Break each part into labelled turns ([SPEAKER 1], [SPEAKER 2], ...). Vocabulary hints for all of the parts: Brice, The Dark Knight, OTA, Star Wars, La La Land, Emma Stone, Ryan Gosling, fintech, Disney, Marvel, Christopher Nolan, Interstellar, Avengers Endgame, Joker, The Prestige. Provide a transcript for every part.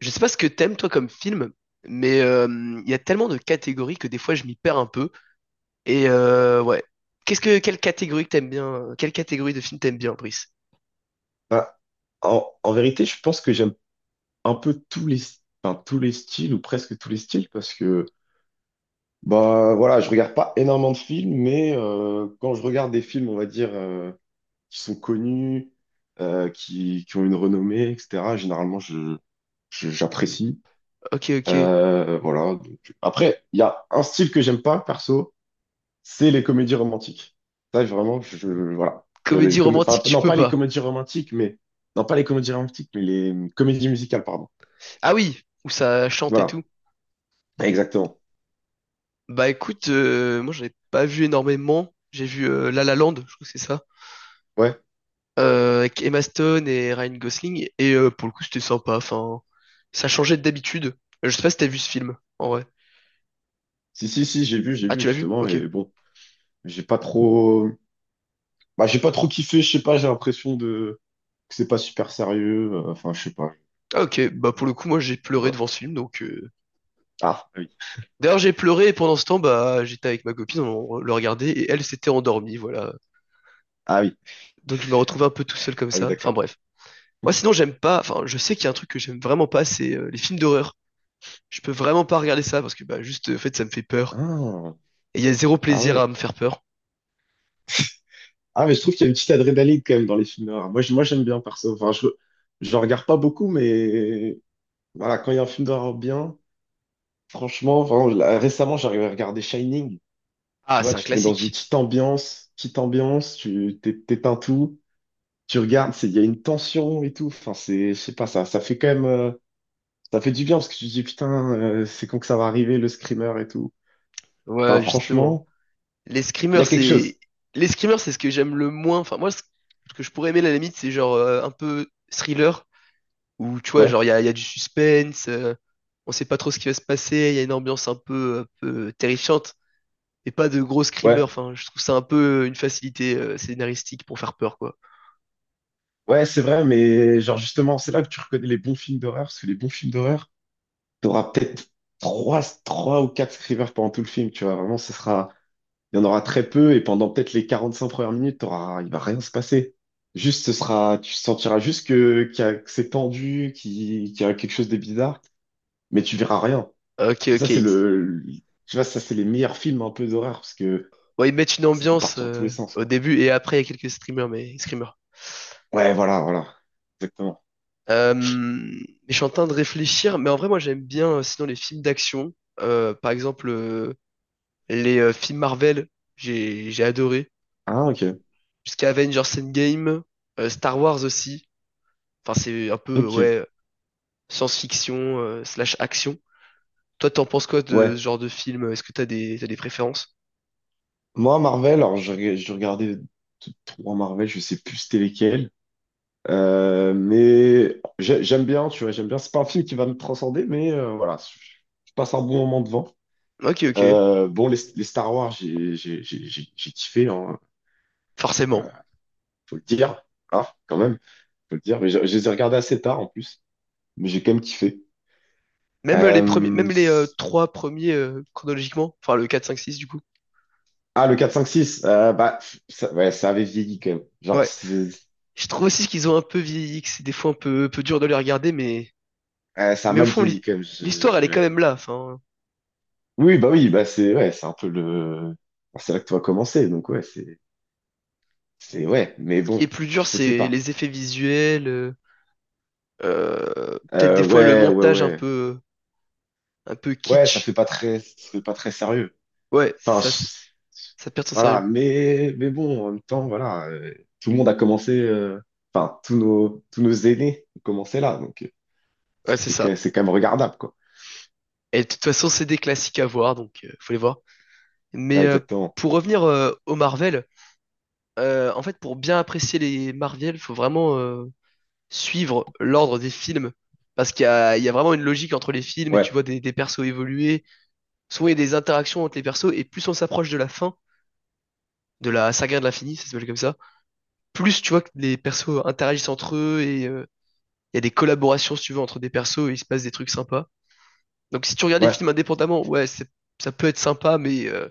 [SPEAKER 1] Je sais pas ce que t'aimes toi comme film, mais il y a tellement de catégories que des fois je m'y perds un peu. Ouais. Qu'est-ce que quelle catégorie que t'aimes bien? Quelle catégorie de film t'aimes bien, Brice?
[SPEAKER 2] Bah, en vérité, je pense que j'aime un peu tous les styles ou presque tous les styles parce que voilà, je regarde pas énormément de films, mais quand je regarde des films, on va dire qui sont connus, qui ont une renommée, etc. Généralement, j'apprécie.
[SPEAKER 1] Ok, ok.
[SPEAKER 2] Après, il y a un style que j'aime pas perso, c'est les comédies romantiques. Ça, vraiment, voilà. Les
[SPEAKER 1] Comédie
[SPEAKER 2] com- enfin,
[SPEAKER 1] romantique, tu
[SPEAKER 2] non,
[SPEAKER 1] peux
[SPEAKER 2] pas les
[SPEAKER 1] pas.
[SPEAKER 2] comédies romantiques, mais Non, pas les comédies romantiques, mais les comédies musicales, pardon.
[SPEAKER 1] Ah oui, où ça chante et tout.
[SPEAKER 2] Voilà, exactement.
[SPEAKER 1] Bah écoute, moi j'en ai pas vu énormément. J'ai vu La La Land, je crois que c'est ça,
[SPEAKER 2] Ouais.
[SPEAKER 1] avec Emma Stone et Ryan Gosling. Et pour le coup, c'était sympa. Enfin, ça changeait d'habitude. Je sais pas si t'as vu ce film, en vrai.
[SPEAKER 2] Si, si, si, j'ai
[SPEAKER 1] Ah,
[SPEAKER 2] vu
[SPEAKER 1] tu l'as vu?
[SPEAKER 2] justement,
[SPEAKER 1] Ok.
[SPEAKER 2] et bon, j'ai pas trop, j'ai pas trop kiffé. Je sais pas, j'ai l'impression de que c'est pas super sérieux. Enfin, je sais pas.
[SPEAKER 1] Ah, ok, bah pour le coup, moi j'ai pleuré
[SPEAKER 2] Voilà.
[SPEAKER 1] devant ce film, donc.
[SPEAKER 2] Ah, ah oui,
[SPEAKER 1] D'ailleurs, j'ai pleuré et pendant ce temps, bah j'étais avec ma copine, on le regardait et elle s'était endormie, voilà.
[SPEAKER 2] ah oui,
[SPEAKER 1] Donc je me retrouvais un peu tout seul comme
[SPEAKER 2] ah oui,
[SPEAKER 1] ça. Enfin
[SPEAKER 2] d'accord.
[SPEAKER 1] bref. Moi sinon, j'aime pas. Enfin, je sais qu'il y a un truc que j'aime vraiment pas, c'est les films d'horreur. Je peux vraiment pas regarder ça parce que bah juste, en fait, ça me fait peur.
[SPEAKER 2] Ah,
[SPEAKER 1] Et il y a zéro
[SPEAKER 2] ah
[SPEAKER 1] plaisir à
[SPEAKER 2] ouais.
[SPEAKER 1] me faire peur.
[SPEAKER 2] Ah, mais je trouve qu'il y a une petite adrénaline quand même dans les films noirs. Moi, j'aime bien perso. Enfin, je regarde pas beaucoup, mais voilà, quand il y a un film d'horreur bien, franchement, vraiment, là, récemment, j'arrivais à regarder Shining. Tu
[SPEAKER 1] Ah,
[SPEAKER 2] vois,
[SPEAKER 1] c'est un
[SPEAKER 2] tu te mets dans une
[SPEAKER 1] classique.
[SPEAKER 2] petite ambiance, t'éteins tout, tu regardes, il y a une tension et tout. Enfin, c'est, je sais pas, ça fait quand même, ça fait du bien parce que tu te dis, putain, c'est quand que ça va arriver, le screamer et tout. Enfin,
[SPEAKER 1] Ouais, justement.
[SPEAKER 2] franchement,
[SPEAKER 1] Les
[SPEAKER 2] il y
[SPEAKER 1] screamers,
[SPEAKER 2] a quelque
[SPEAKER 1] c'est
[SPEAKER 2] chose.
[SPEAKER 1] les screamers, c'est ce que j'aime le moins. Enfin moi, ce que je pourrais aimer à la limite, c'est genre un peu thriller où tu vois,
[SPEAKER 2] Ouais,
[SPEAKER 1] genre, il y a du suspense, on sait pas trop ce qui va se passer, il y a une ambiance un peu terrifiante, et pas de gros screamers.
[SPEAKER 2] ouais,
[SPEAKER 1] Enfin, je trouve ça un peu une facilité scénaristique pour faire peur, quoi.
[SPEAKER 2] ouais, c'est vrai, mais genre, justement, c'est là que tu reconnais les bons films d'horreur, parce que les bons films d'horreur, t'auras peut-être trois ou quatre screamers pendant tout le film, tu vois, vraiment, ce sera. Il y en aura très peu et pendant peut-être les 45 premières minutes, t'auras, il va rien se passer. Juste, ce sera, tu sentiras juste que, que c'est tendu, qu'il y a quelque chose de bizarre, mais tu verras rien.
[SPEAKER 1] Ok,
[SPEAKER 2] Et ça,
[SPEAKER 1] ok.
[SPEAKER 2] c'est le- Tu vois, ça, c'est les meilleurs films un peu d'horreur parce que
[SPEAKER 1] Ouais, ils mettent une
[SPEAKER 2] ça peut
[SPEAKER 1] ambiance
[SPEAKER 2] partir dans tous les sens,
[SPEAKER 1] au
[SPEAKER 2] quoi.
[SPEAKER 1] début et après, il y a quelques screamers.
[SPEAKER 2] Ouais, voilà, voilà. Exactement.
[SPEAKER 1] Mais je suis en train de réfléchir, mais en vrai, moi j'aime bien sinon les films d'action. Par exemple, les films Marvel, j'ai adoré.
[SPEAKER 2] Ah, ok.
[SPEAKER 1] Jusqu'à Avengers Endgame, Star Wars aussi. Enfin, c'est un peu,
[SPEAKER 2] Ok.
[SPEAKER 1] ouais, science-fiction, slash action. Toi, t'en penses quoi de
[SPEAKER 2] Ouais.
[SPEAKER 1] ce genre de film? Est-ce que t'as des préférences?
[SPEAKER 2] Moi, Marvel, alors, je regardais 3 Marvel, je sais plus c'était lesquels. J'aime bien, tu vois, j'aime bien. C'est pas un film qui va me transcender, mais voilà, je passe un bon moment devant.
[SPEAKER 1] Ok, ok.
[SPEAKER 2] Les Star Wars, j'ai kiffé, hein,
[SPEAKER 1] Forcément.
[SPEAKER 2] voilà, faut le dire. Ah, quand même, faut le dire. Mais je les ai regardés assez tard en plus, mais j'ai quand même kiffé.
[SPEAKER 1] Même les premiers,
[SPEAKER 2] Euh,
[SPEAKER 1] même les
[SPEAKER 2] c-
[SPEAKER 1] trois premiers chronologiquement, enfin le 4, 5, 6 du coup.
[SPEAKER 2] le 4 5 6, ça, ouais, ça avait vieilli quand même.
[SPEAKER 1] Ouais. Je trouve aussi qu'ils ont un peu vieilli, que c'est des fois peu dur de les regarder,
[SPEAKER 2] Ouais, ça a
[SPEAKER 1] mais au
[SPEAKER 2] mal
[SPEAKER 1] fond,
[SPEAKER 2] vieilli quand même.
[SPEAKER 1] l'histoire, elle est quand
[SPEAKER 2] Ouais.
[SPEAKER 1] même là. Enfin,
[SPEAKER 2] Oui, bah oui, c'est un peu le. Bon, c'est là que tout a commencé, donc ouais, c'est. C'est ouais, mais
[SPEAKER 1] ce qui est
[SPEAKER 2] bon,
[SPEAKER 1] plus dur,
[SPEAKER 2] je sais
[SPEAKER 1] c'est
[SPEAKER 2] pas.
[SPEAKER 1] les effets visuels, peut-être des fois le montage
[SPEAKER 2] Ouais.
[SPEAKER 1] un peu
[SPEAKER 2] Ouais,
[SPEAKER 1] kitsch.
[SPEAKER 2] ça fait pas très sérieux.
[SPEAKER 1] Ouais,
[SPEAKER 2] Enfin, je-
[SPEAKER 1] ça perd son
[SPEAKER 2] voilà,
[SPEAKER 1] sérieux.
[SPEAKER 2] mais bon, en même temps, voilà, tout le monde a commencé, tous nos aînés ont commencé là, donc
[SPEAKER 1] Ouais, c'est
[SPEAKER 2] c'est que
[SPEAKER 1] ça.
[SPEAKER 2] c'est quand même regardable, quoi.
[SPEAKER 1] Et de toute façon, c'est des classiques à voir, donc faut les voir.
[SPEAKER 2] Ouais,
[SPEAKER 1] Mais euh,
[SPEAKER 2] exactement.
[SPEAKER 1] pour revenir au Marvel, en fait, pour bien apprécier les Marvel, faut vraiment suivre l'ordre des films. Parce qu'il y a vraiment une logique entre les films et tu
[SPEAKER 2] Ouais,
[SPEAKER 1] vois des persos évoluer. Souvent, il y a des interactions entre les persos et plus on s'approche de la fin, de la saga de l'infini, ça s'appelle comme ça, plus tu vois que les persos interagissent entre eux et il y a des collaborations, si tu veux, entre des persos et il se passe des trucs sympas. Donc si tu regardes les
[SPEAKER 2] ouais,
[SPEAKER 1] films indépendamment, ouais, ça peut être sympa,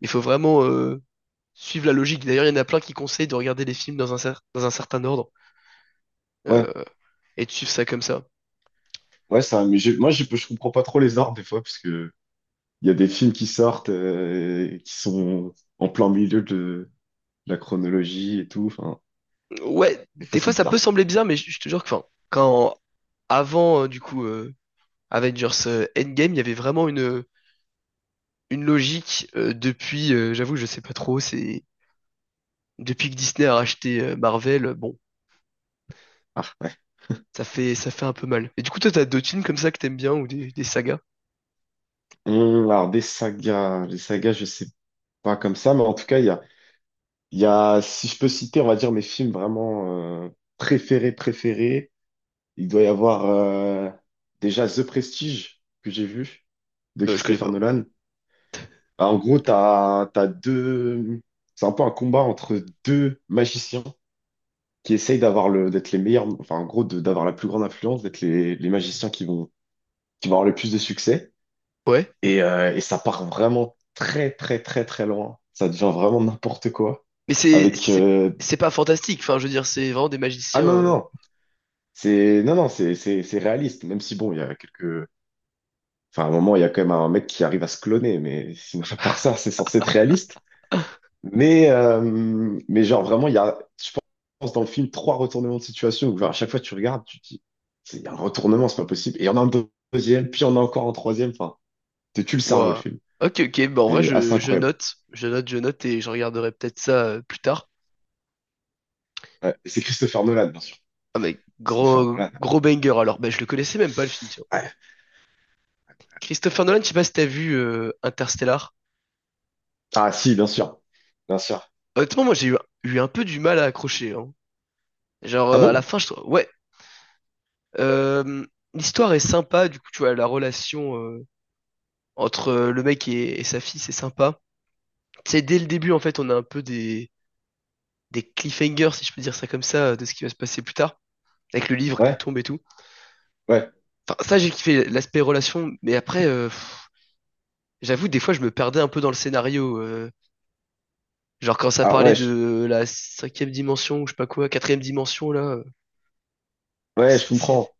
[SPEAKER 1] il faut vraiment suivre la logique. D'ailleurs, il y en a plein qui conseillent de regarder les films dans dans un certain ordre
[SPEAKER 2] ouais,
[SPEAKER 1] euh, et de suivre ça comme ça.
[SPEAKER 2] ouais, ça, mais je comprends pas trop les ordres des fois, parce que il y a des films qui sortent, qui sont en plein milieu de la chronologie et tout, enfin,
[SPEAKER 1] Ouais,
[SPEAKER 2] des
[SPEAKER 1] des
[SPEAKER 2] fois, c'est
[SPEAKER 1] fois ça peut
[SPEAKER 2] bizarre.
[SPEAKER 1] sembler bizarre, mais je te jure que, enfin, quand avant Avengers Endgame, il y avait vraiment une logique depuis. J'avoue, je sais pas trop. C'est depuis que Disney a racheté Marvel, bon, ça fait un peu mal. Et du coup, toi, t'as d'autres films comme ça que t'aimes bien ou des sagas?
[SPEAKER 2] Alors des sagas, les sagas, je sais pas comme ça, mais en tout cas, si je peux citer, on va dire mes films vraiment préférés, préférés. Il doit y avoir déjà The Prestige que j'ai vu de
[SPEAKER 1] Je connais
[SPEAKER 2] Christopher
[SPEAKER 1] pas.
[SPEAKER 2] Nolan. Ah, en gros, t'as deux, c'est un peu un combat entre deux magiciens qui essayent d'avoir le, d'être les meilleurs, enfin en gros, d'avoir la plus grande influence, d'être les magiciens qui vont avoir le plus de succès.
[SPEAKER 1] Ouais,
[SPEAKER 2] Et ça part vraiment très, très, très, très loin. Ça devient vraiment n'importe quoi.
[SPEAKER 1] mais c'est
[SPEAKER 2] Avec.
[SPEAKER 1] c'est c'est pas fantastique. Enfin, je veux dire, c'est vraiment des
[SPEAKER 2] Ah
[SPEAKER 1] magiciens.
[SPEAKER 2] non, non,
[SPEAKER 1] Euh,
[SPEAKER 2] non. C'est réaliste. Même si, bon, il y a quelques. Enfin, à un moment, il y a quand même un mec qui arrive à se cloner. Mais sinon, à part ça, c'est censé être réaliste. Mais genre, vraiment, je pense, dans le film, trois retournements de situation où, genre, à chaque fois, tu regardes, tu te dis, c'est il y a un retournement, c'est pas possible. Et il y en a un deuxième, puis il y en a encore un troisième. Enfin, te tue le cerveau, le
[SPEAKER 1] ouah.
[SPEAKER 2] film.
[SPEAKER 1] Ok, ok. Bah en vrai,
[SPEAKER 2] C'est assez incroyable.
[SPEAKER 1] je note et je regarderai peut-être ça plus tard.
[SPEAKER 2] Ouais. Et c'est Christopher Nolan, bien sûr.
[SPEAKER 1] Ah mais
[SPEAKER 2] Christopher
[SPEAKER 1] gros
[SPEAKER 2] Nolan.
[SPEAKER 1] gros banger alors ben je le connaissais même pas le film tiens.
[SPEAKER 2] Ouais.
[SPEAKER 1] Christopher Nolan, je sais pas si t'as vu Interstellar.
[SPEAKER 2] Ah si, bien sûr. Bien sûr.
[SPEAKER 1] Honnêtement moi eu un peu du mal à accrocher hein. Genre
[SPEAKER 2] Ah
[SPEAKER 1] à la
[SPEAKER 2] bon?
[SPEAKER 1] fin je trouve ouais euh, l'histoire est sympa du coup tu vois la relation entre le mec et sa fille c'est sympa. Tu sais dès le début en fait on a un peu des cliffhangers si je peux dire ça comme ça de ce qui va se passer plus tard avec le livre qui
[SPEAKER 2] Ouais,
[SPEAKER 1] tombe et tout.
[SPEAKER 2] ouais.
[SPEAKER 1] Enfin ça j'ai kiffé l'aspect relation mais après pff, j'avoue des fois je me perdais un peu dans le scénario euh. Genre quand ça
[SPEAKER 2] Ah
[SPEAKER 1] parlait
[SPEAKER 2] ouais,
[SPEAKER 1] de la cinquième dimension ou je sais pas quoi, quatrième dimension là,
[SPEAKER 2] ouais, je
[SPEAKER 1] c'était... c'est-
[SPEAKER 2] comprends.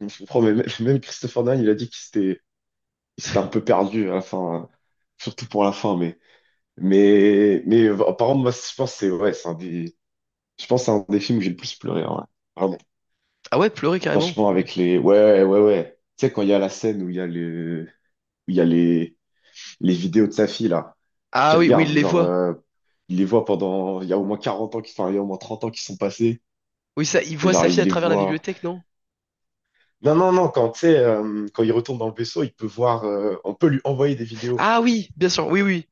[SPEAKER 2] Je comprends, mais même, même Christopher Nolan, il a dit qu'il s'était il s'était un peu perdu à la fin, surtout pour la fin, mais par contre, moi, je pense que c'est ouais, c'est un des je pense que c'est un des films où j'ai le plus pleuré, hein, ouais. Vraiment.
[SPEAKER 1] Ah ouais, pleurer carrément.
[SPEAKER 2] Franchement, avec les ouais, ouais, ouais, ouais. Tu sais quand il y a la scène où il y a le où il y a les vidéos de sa fille là qui
[SPEAKER 1] Ah oui, oui,
[SPEAKER 2] regarde
[SPEAKER 1] il
[SPEAKER 2] où
[SPEAKER 1] les
[SPEAKER 2] genre
[SPEAKER 1] voit.
[SPEAKER 2] il les voit pendant il y a au moins 40 ans qui, il y a au moins 30 ans qui sont passés.
[SPEAKER 1] Oui, ça, il voit sa
[SPEAKER 2] Genre,
[SPEAKER 1] fille
[SPEAKER 2] il
[SPEAKER 1] à
[SPEAKER 2] les
[SPEAKER 1] travers la
[SPEAKER 2] voit.
[SPEAKER 1] bibliothèque, non?
[SPEAKER 2] Non, non, non, quand, tu sais, quand il retourne dans le vaisseau, il peut voir, on peut lui envoyer des vidéos.
[SPEAKER 1] Ah oui, bien sûr, oui, oui.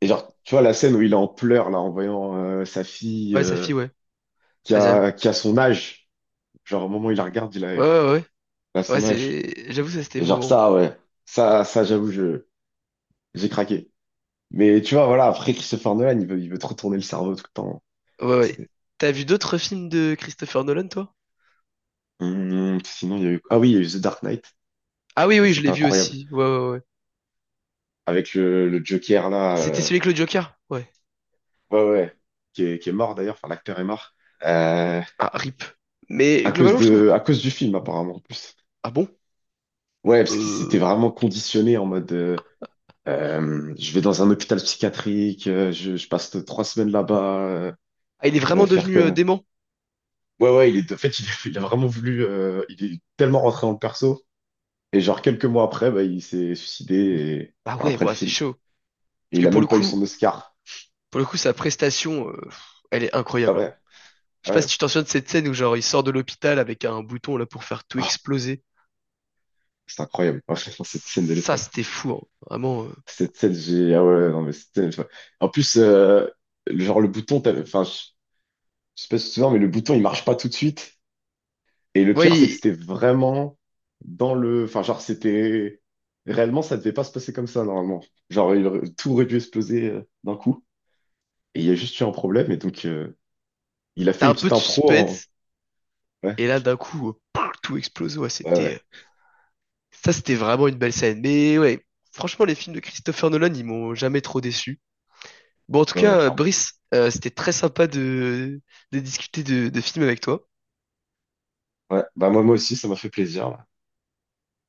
[SPEAKER 2] Et genre, tu vois la scène où il est en pleurs, là, en voyant sa fille
[SPEAKER 1] Ouais, sa fille, ouais. Ouais, j'avoue-
[SPEAKER 2] qui a son âge. Genre, au moment où il la regarde, il a,
[SPEAKER 1] ouais,
[SPEAKER 2] elle
[SPEAKER 1] ouais. Ouais,
[SPEAKER 2] a
[SPEAKER 1] Ouais,
[SPEAKER 2] son âge.
[SPEAKER 1] c'est... J'avoue, ça, c'était
[SPEAKER 2] Et genre,
[SPEAKER 1] émouvant.
[SPEAKER 2] ça, ouais. J'avoue, j'ai craqué. Mais tu vois, voilà, après Christopher Nolan, il veut te retourner le cerveau tout le temps.
[SPEAKER 1] Ouais, ouais.
[SPEAKER 2] C'est-
[SPEAKER 1] T'as vu d'autres films de Christopher Nolan, toi?
[SPEAKER 2] Sinon, il y a eu... Ah oui, il y a eu The Dark Knight.
[SPEAKER 1] Ah oui,
[SPEAKER 2] Ça,
[SPEAKER 1] oui, je l'ai
[SPEAKER 2] c'était
[SPEAKER 1] vu
[SPEAKER 2] incroyable.
[SPEAKER 1] aussi. Ouais, ouais, ouais.
[SPEAKER 2] Avec le Joker, là,
[SPEAKER 1] C'était celui avec le Joker? Ouais.
[SPEAKER 2] ouais, ouais, ouais, qui est mort d'ailleurs, enfin l'acteur est mort, euh,
[SPEAKER 1] Ah, rip. Mais
[SPEAKER 2] à cause
[SPEAKER 1] globalement, je trouve...
[SPEAKER 2] de, à cause du film apparemment en plus.
[SPEAKER 1] Ah bon?
[SPEAKER 2] Ouais, parce qu'il s'était
[SPEAKER 1] Euh...
[SPEAKER 2] vraiment conditionné en mode, je vais dans un hôpital psychiatrique, euh, je passe 3 semaines là-bas,
[SPEAKER 1] Ah, il est vraiment
[SPEAKER 2] faire
[SPEAKER 1] devenu
[SPEAKER 2] que.
[SPEAKER 1] dément?
[SPEAKER 2] Ouais, ouais, il est, en fait, il, a il a vraiment voulu, il est tellement rentré dans le perso, et genre quelques mois après, il s'est suicidé, et,
[SPEAKER 1] Ah
[SPEAKER 2] enfin,
[SPEAKER 1] ouais,
[SPEAKER 2] après le
[SPEAKER 1] ouais, c'est
[SPEAKER 2] film.
[SPEAKER 1] chaud.
[SPEAKER 2] Et
[SPEAKER 1] Parce que
[SPEAKER 2] il a
[SPEAKER 1] pour le
[SPEAKER 2] même pas eu
[SPEAKER 1] coup,
[SPEAKER 2] son Oscar.
[SPEAKER 1] Pour le coup, sa prestation, elle est
[SPEAKER 2] Ah
[SPEAKER 1] incroyable, hein.
[SPEAKER 2] ouais,
[SPEAKER 1] Je sais
[SPEAKER 2] ah
[SPEAKER 1] pas si
[SPEAKER 2] ouais.
[SPEAKER 1] tu t'en souviens de cette scène où genre il sort de l'hôpital avec un bouton là pour faire tout
[SPEAKER 2] Oh,
[SPEAKER 1] exploser.
[SPEAKER 2] c'est incroyable, cette scène de
[SPEAKER 1] Ça, c'était fou, hein. Vraiment, euh.
[SPEAKER 2] cette selle, j'ai. Ah ouais, ouais, non, mais c'était. Enfin, en plus, genre, le bouton, je sais pas si tu te souviens, mais le bouton, il marche pas tout de suite. Et le
[SPEAKER 1] Ouais,
[SPEAKER 2] pire, c'est que
[SPEAKER 1] il-
[SPEAKER 2] c'était vraiment dans le. Enfin, genre, c'était. Réellement, ça devait pas se passer comme ça, normalement. Tout aurait dû exploser d'un coup. Et il y a juste eu un problème, et donc, il a fait
[SPEAKER 1] t'as
[SPEAKER 2] une
[SPEAKER 1] un peu
[SPEAKER 2] petite
[SPEAKER 1] de
[SPEAKER 2] impro en-
[SPEAKER 1] suspense
[SPEAKER 2] Ouais,
[SPEAKER 1] et là d'un coup, pouf, tout explose. Ouais,
[SPEAKER 2] ouais,
[SPEAKER 1] c'était
[SPEAKER 2] ouais,
[SPEAKER 1] ça, c'était vraiment une belle scène. Mais ouais, franchement, les films de Christopher Nolan, ils m'ont jamais trop déçu. Bon, en tout
[SPEAKER 2] ouais, ouais,
[SPEAKER 1] cas,
[SPEAKER 2] clairement.
[SPEAKER 1] Brice, c'était très sympa de discuter de films avec toi.
[SPEAKER 2] Ouais, bah, moi, moi aussi, ça m'a fait plaisir.